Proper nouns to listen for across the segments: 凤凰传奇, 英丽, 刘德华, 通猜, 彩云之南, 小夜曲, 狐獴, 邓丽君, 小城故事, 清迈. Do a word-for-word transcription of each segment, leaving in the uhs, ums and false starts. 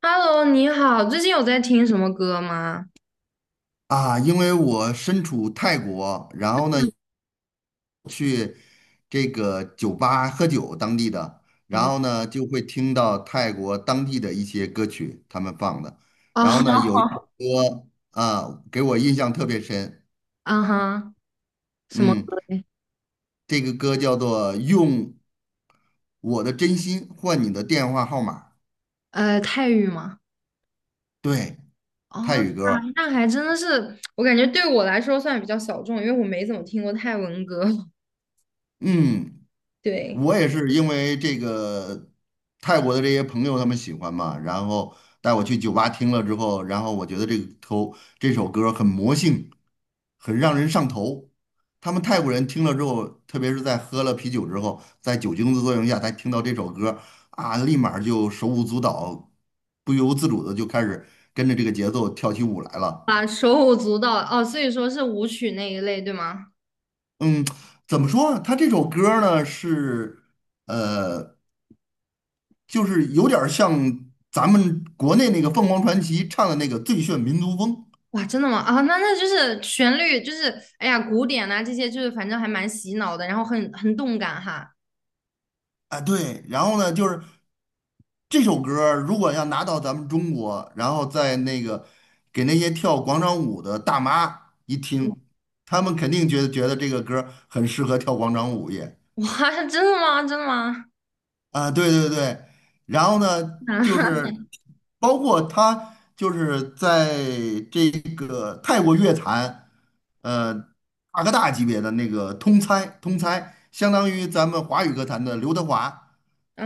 Hello，你好，最近有在听什么歌吗？啊，因为我身处泰国，然后呢，嗯，这个酒吧喝酒当地的，然哦，后呢就会听到泰国当地的一些歌曲他们放的，啊然后呢有一首哈，歌啊给我印象特别深。啊哈，什么嗯，歌嘞？这个歌叫做《用我的真心换你的电话号码》。呃，泰语吗？对，泰哦，语啊，歌。那还真的是，我感觉对我来说算比较小众，因为我没怎么听过泰文歌。嗯，对，我也是因为这个泰国的这些朋友他们喜欢嘛，然后带我去酒吧听了之后，然后我觉得这个头这首歌很魔性，很让人上头。他们泰国人听了之后，特别是在喝了啤酒之后，在酒精的作用下，他听到这首歌啊，立马儿就手舞足蹈，不由自主的就开始跟着这个节奏跳起舞来了。啊，手舞足蹈，哦，所以说是舞曲那一类，对吗？嗯，怎么说啊？他这首歌儿呢是呃。就是有点儿像咱们国内那个凤凰传奇唱的那个《最炫民族风》哇，真的吗？啊，那那就是旋律，就是哎呀，古典呐这些就是反正还蛮洗脑的，然后很很动感哈。啊，对。然后呢，就是这首歌儿如果要拿到咱们中国，然后在那个给那些跳广场舞的大妈一听，他们肯定觉得觉得这个歌儿很适合跳广场舞也。哇，真的吗？真的吗？啊，对对对，然后呢，就 是包括他就是在这个泰国乐坛，呃，大哥大级别的那个通猜，通猜，相当于咱们华语歌坛的刘德华，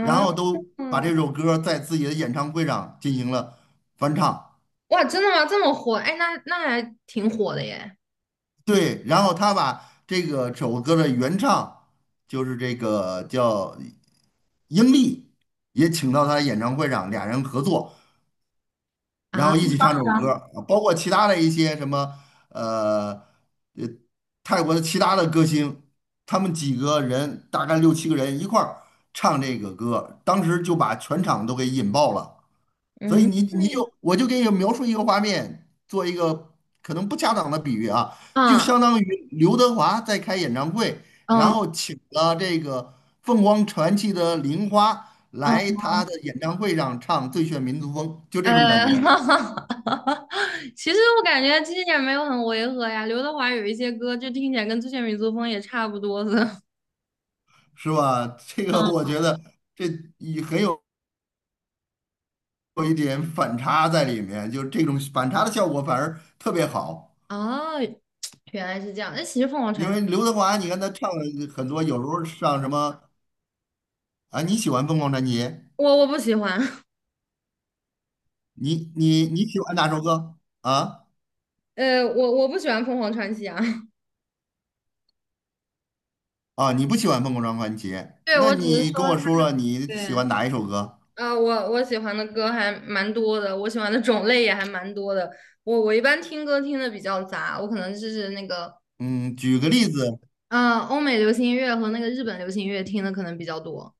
然后都啊，把这首歌在自己的演唱会上进行了翻唱。哇，真的吗？这么火？哎，那那还挺火的耶。对，然后他把这个这首歌的原唱就是这个叫英丽，也请到他的演唱会上，俩人合作。然啊，后一起唱这首歌儿，啊包括其他的一些什么呃呃泰国的其他的歌星，他们几个人大概六七个人一块儿唱这个歌，当时就把全场都给引爆了。所嗯以你你就我就给你描述一个画面，做一个可能不恰当的比喻啊，就嗯相当于刘德华在开演唱会，然嗯后请了这个凤凰传奇的玲花嗯，来他的演唱会上唱《最炫民族风》，就这种呃，感觉。其实我感觉这一点没有很违和呀。刘德华有一些歌，就听起来跟之前民族风也差不多的。是吧？这个我嗯，觉得这也很有有一点反差在里面，就这种反差的效果反而特别好。哦，原来是这样。那其实凤凰因传奇，为刘德华，你看他唱了很多，有时候上什么啊？你喜欢《凤凰传奇》？我我不喜欢，你你你喜欢哪首歌啊？呃，我我不喜欢凤凰传奇啊。啊，你不喜欢《凤凰传奇》？对，那我只是你跟说我他，说说你喜对。欢哪一首歌？啊，我我喜欢的歌还蛮多的，我喜欢的种类也还蛮多的。我我一般听歌听的比较杂，我可能就是那个，嗯，举个例子。啊，欧美流行音乐和那个日本流行音乐听的可能比较多。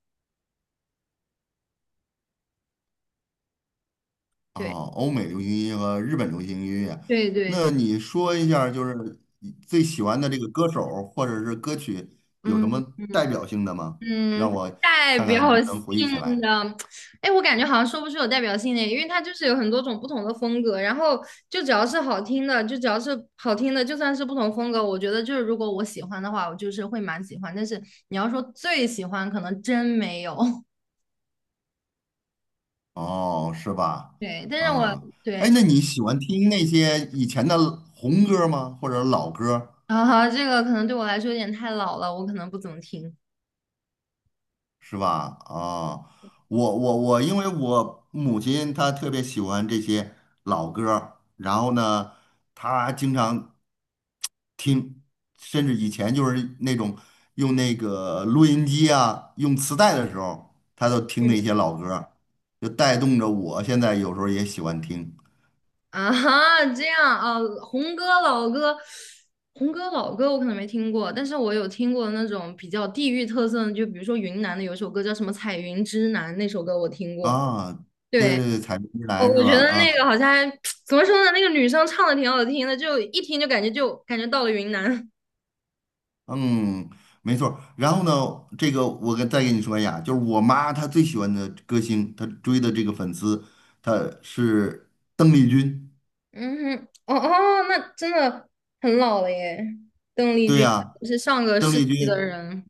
啊，对，欧美流行音乐和日本流行音乐，对对那对，你说一下儿就是你最喜欢的这个歌手儿或者是歌曲有什嗯么代嗯。表性的吗？让嗯，我代看看能表不能回忆起性来。的，哎，我感觉好像说不出有代表性的，因为它就是有很多种不同的风格，然后就只要是好听的，就只要是好听的，就算是不同风格，我觉得就是如果我喜欢的话，我就是会蛮喜欢，但是你要说最喜欢，可能真没有。哦，是吧？对，但是我啊，对，哎，那你喜欢听那些以前的红歌儿吗？或者老歌儿 啊，后这个可能对我来说有点太老了，我可能不怎么听。是吧？啊，我我我，因为我母亲她特别喜欢这些老歌儿，然后呢，她经常听，甚至以前就是那种用那个录音机啊，用磁带的时候，他都听那些老歌儿，就带动着我现在有时候也喜欢听啊哈，这样啊，红歌老歌，红歌老歌我可能没听过，但是我有听过那种比较地域特色的，就比如说云南的有一首歌叫什么《彩云之南》，那首歌我听过。啊。对对，对对，彩云之我南我是觉吧？得啊，那个好像还 怎么说呢，那个女生唱的挺好听的，就一听就感觉就感觉到了云南。嗯，没错儿，然后呢，这个我跟再跟你说一下，就是我妈她最喜欢的歌星，她追的这个粉丝，她是邓丽君。嗯哼，哦哦，那真的很老了耶，邓丽对君呀、是上个邓世丽纪的君，人。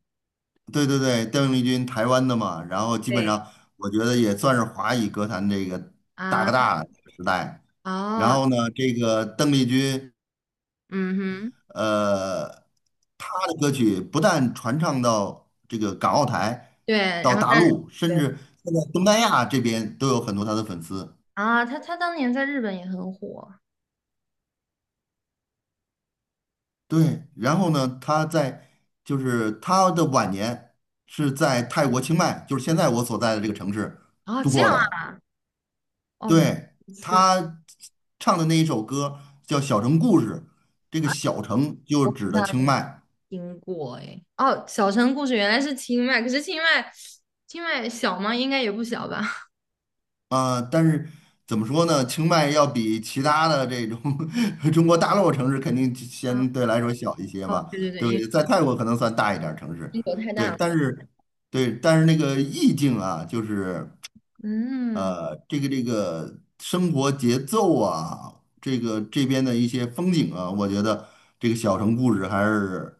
对对对，邓丽君台湾的嘛，然后基本对上我觉得也算是华语歌坛这个大啊，哥大时代。然哦，后呢，这个邓丽君，嗯哼，呃，她的歌曲不但传唱到这个港澳台，对，然到后大但。陆，甚至现在东南亚这边都有很多她的粉丝。啊，他他当年在日本也很火。对，然后呢，她在就是她的晚年是在泰国清迈，就是现在我所在的这个城市啊，度这过样啊，的。哦，原来对，如此他唱的那一首歌叫《小城故事》，这个啊，小城就是指的那清迈。听过哎。哦，小城故事原来是清迈，可是清迈，清迈小吗？应该也不小吧。啊、但是怎么说呢？清迈要比其他的这种 中国大陆城市肯定啊，相对来说小一些哦，吧？对对对，对因为对，在泰国可能算大一点儿城市。英国太对，大了。但是对，但是那个意境啊，就是嗯，呃，这个这个生活节奏啊，这个这边的一些风景啊，我觉得这个《小城故事》还是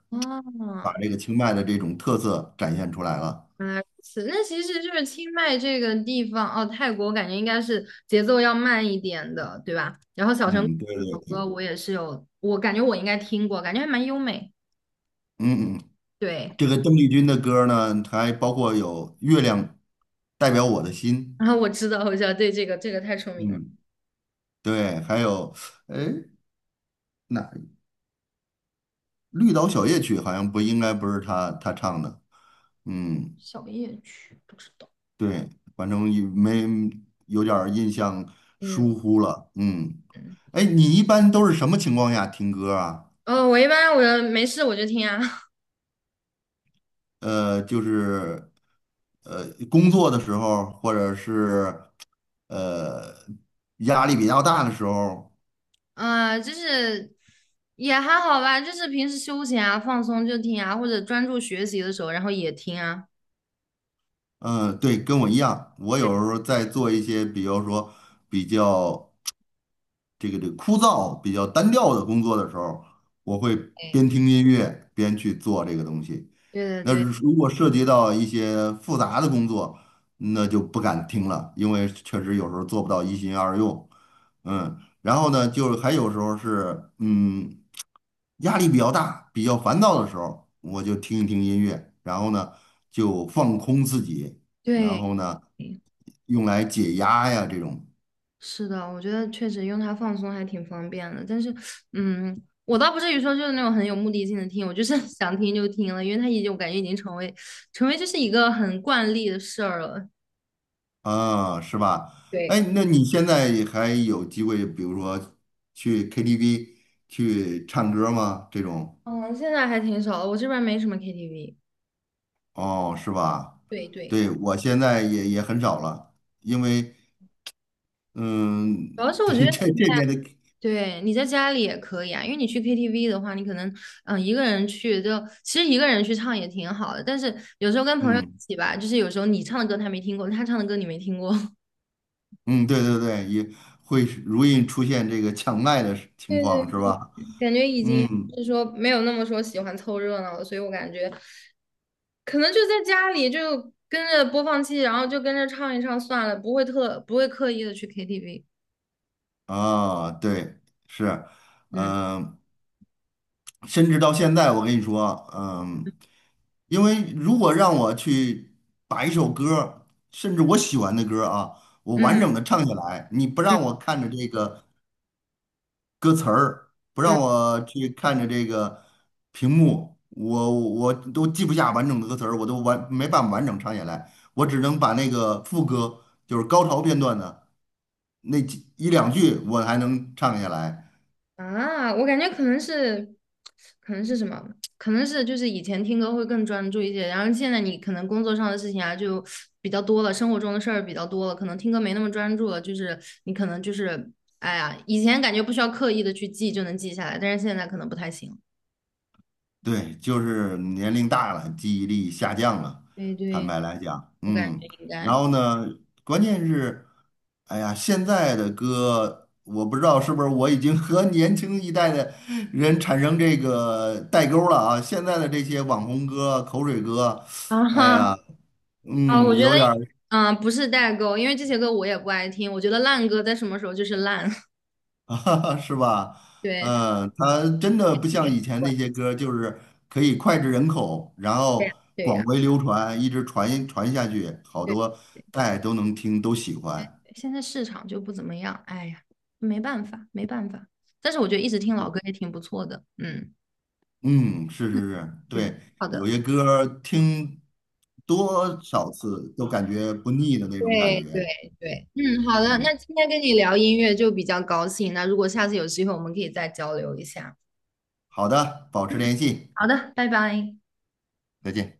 把哦，这个清迈的这种特色展现出来了。原来如此。那其实就是清迈这个地方，哦，泰国我感觉应该是节奏要慢一点的，对吧？然后小城故嗯，对事对这首歌对，我也是有，我感觉我应该听过，感觉还蛮优美。嗯嗯，对。这个邓丽君的歌呢，还包括有《月亮代表我的心》。然后我知道，我知道，对，这个这个太出名了。嗯，对，还有，哎，那《绿岛小夜曲》好像不应该不是她她唱的，嗯，小夜曲不知道。对，反正也没有点儿印象，疏嗯忽了。嗯，嗯，哎，你一般都是什么情况下听歌啊？哦，我一般我没事我就听啊，呃，就是呃，工作的时候，或者是呃压力比较大的时候。啊、就是也还好吧，就是平时休闲啊、放松就听啊，或者专注学习的时候，然后也听啊。嗯，对，跟我一样，我对，有时候在做一些，比如说比较这个这个枯燥、比较单调的工作的时候，我会边听音乐边去做这个东西。对那对对如果涉及到一些复杂的工作，那就不敢听了，因为确实有时候做不到一心二用。嗯，然后呢，就是还有时候是嗯，压力比较大、比较烦躁的时候，我就听一听音乐，然后呢就放空自己，然对，后呢用来解压呀这种。是的，我觉得确实用它放松还挺方便的。但是，嗯，我倒不至于说就是那种很有目的性的听，我就是 想听就听了，因为它已经我感觉已经成为成为就是一个很惯例的事儿了。啊，是吧？哎，对。那你现在还有机会，比如说去 K T V 去唱歌吗？这种嗯，现在还挺少的，我这边没什么 K T V，哦，是吧？对对，对，我现在也也很少了，因为嗯，主要是 我觉对得这你在这边的，对你在家里也可以啊，因为你去 K T V 的话，你可能嗯一个人去就其实一个人去唱也挺好的，但是有时候跟朋友一嗯起吧，就是有时候你唱的歌他没听过，他唱的歌你没听过，嗯，对对对，也会容易出现这个抢麦的情对对，况，是吧？感觉已经就嗯是说没有那么说喜欢凑热闹了，所以我感觉可能就在家里就跟着播放器，然后就跟着唱一唱算了，不会特不会刻意的去 K T V。啊，对，是，嗯嗯、甚至到现在，我跟你说，嗯，因为如果让我去把一首歌儿甚至我喜欢的歌儿啊，我完嗯整的唱下来，你不让嗯我看着这个歌词儿，不嗯。让我去看着这个屏幕，我我都记不下完整的歌词儿，我都完没办法完整唱下来，我只能把那个副歌，就是高潮片段的那几一两句，我还能唱下来。啊，我感觉可能是，可能是什么？可能是就是以前听歌会更专注一些，然后现在你可能工作上的事情啊就比较多了，生活中的事儿比较多了，可能听歌没那么专注了。就是你可能就是，哎呀，以前感觉不需要刻意的去记就能记下来，但是现在可能不太行。对，就是年龄大了，记忆力下降了，对坦对，白来讲。我感嗯，觉应然该 后 呢，关键是，哎呀，现在的歌，我不知道是不是我已经和 年轻一代的人产生这个代沟了啊。现在的这些网红歌、口水歌，啊哎哈呀，啊，嗯，我觉有得点儿嗯，不是代沟，因为这些歌我也不爱听，我觉得烂歌在什么时候就是烂，啊，是吧？对，它嗯，它真的不特像别以前怪，那些歌儿就是可以脍炙人口，然对呀后对广呀。为流传，一直传传下去，好对多代都能听，都喜欢。现在市场就不怎么样，哎呀，没办法，没办法。但是我觉得一直听老歌也挺不错的，嗯嗯，是是是，嗯，对，好有的，些歌儿听多少次都感觉不腻的那种感对对觉。对，嗯，好的，嗯，那今天跟你聊音乐就比较高兴，那如果下次有机会，我们可以再交流一下。好的，保持联系，好的，拜拜。再见。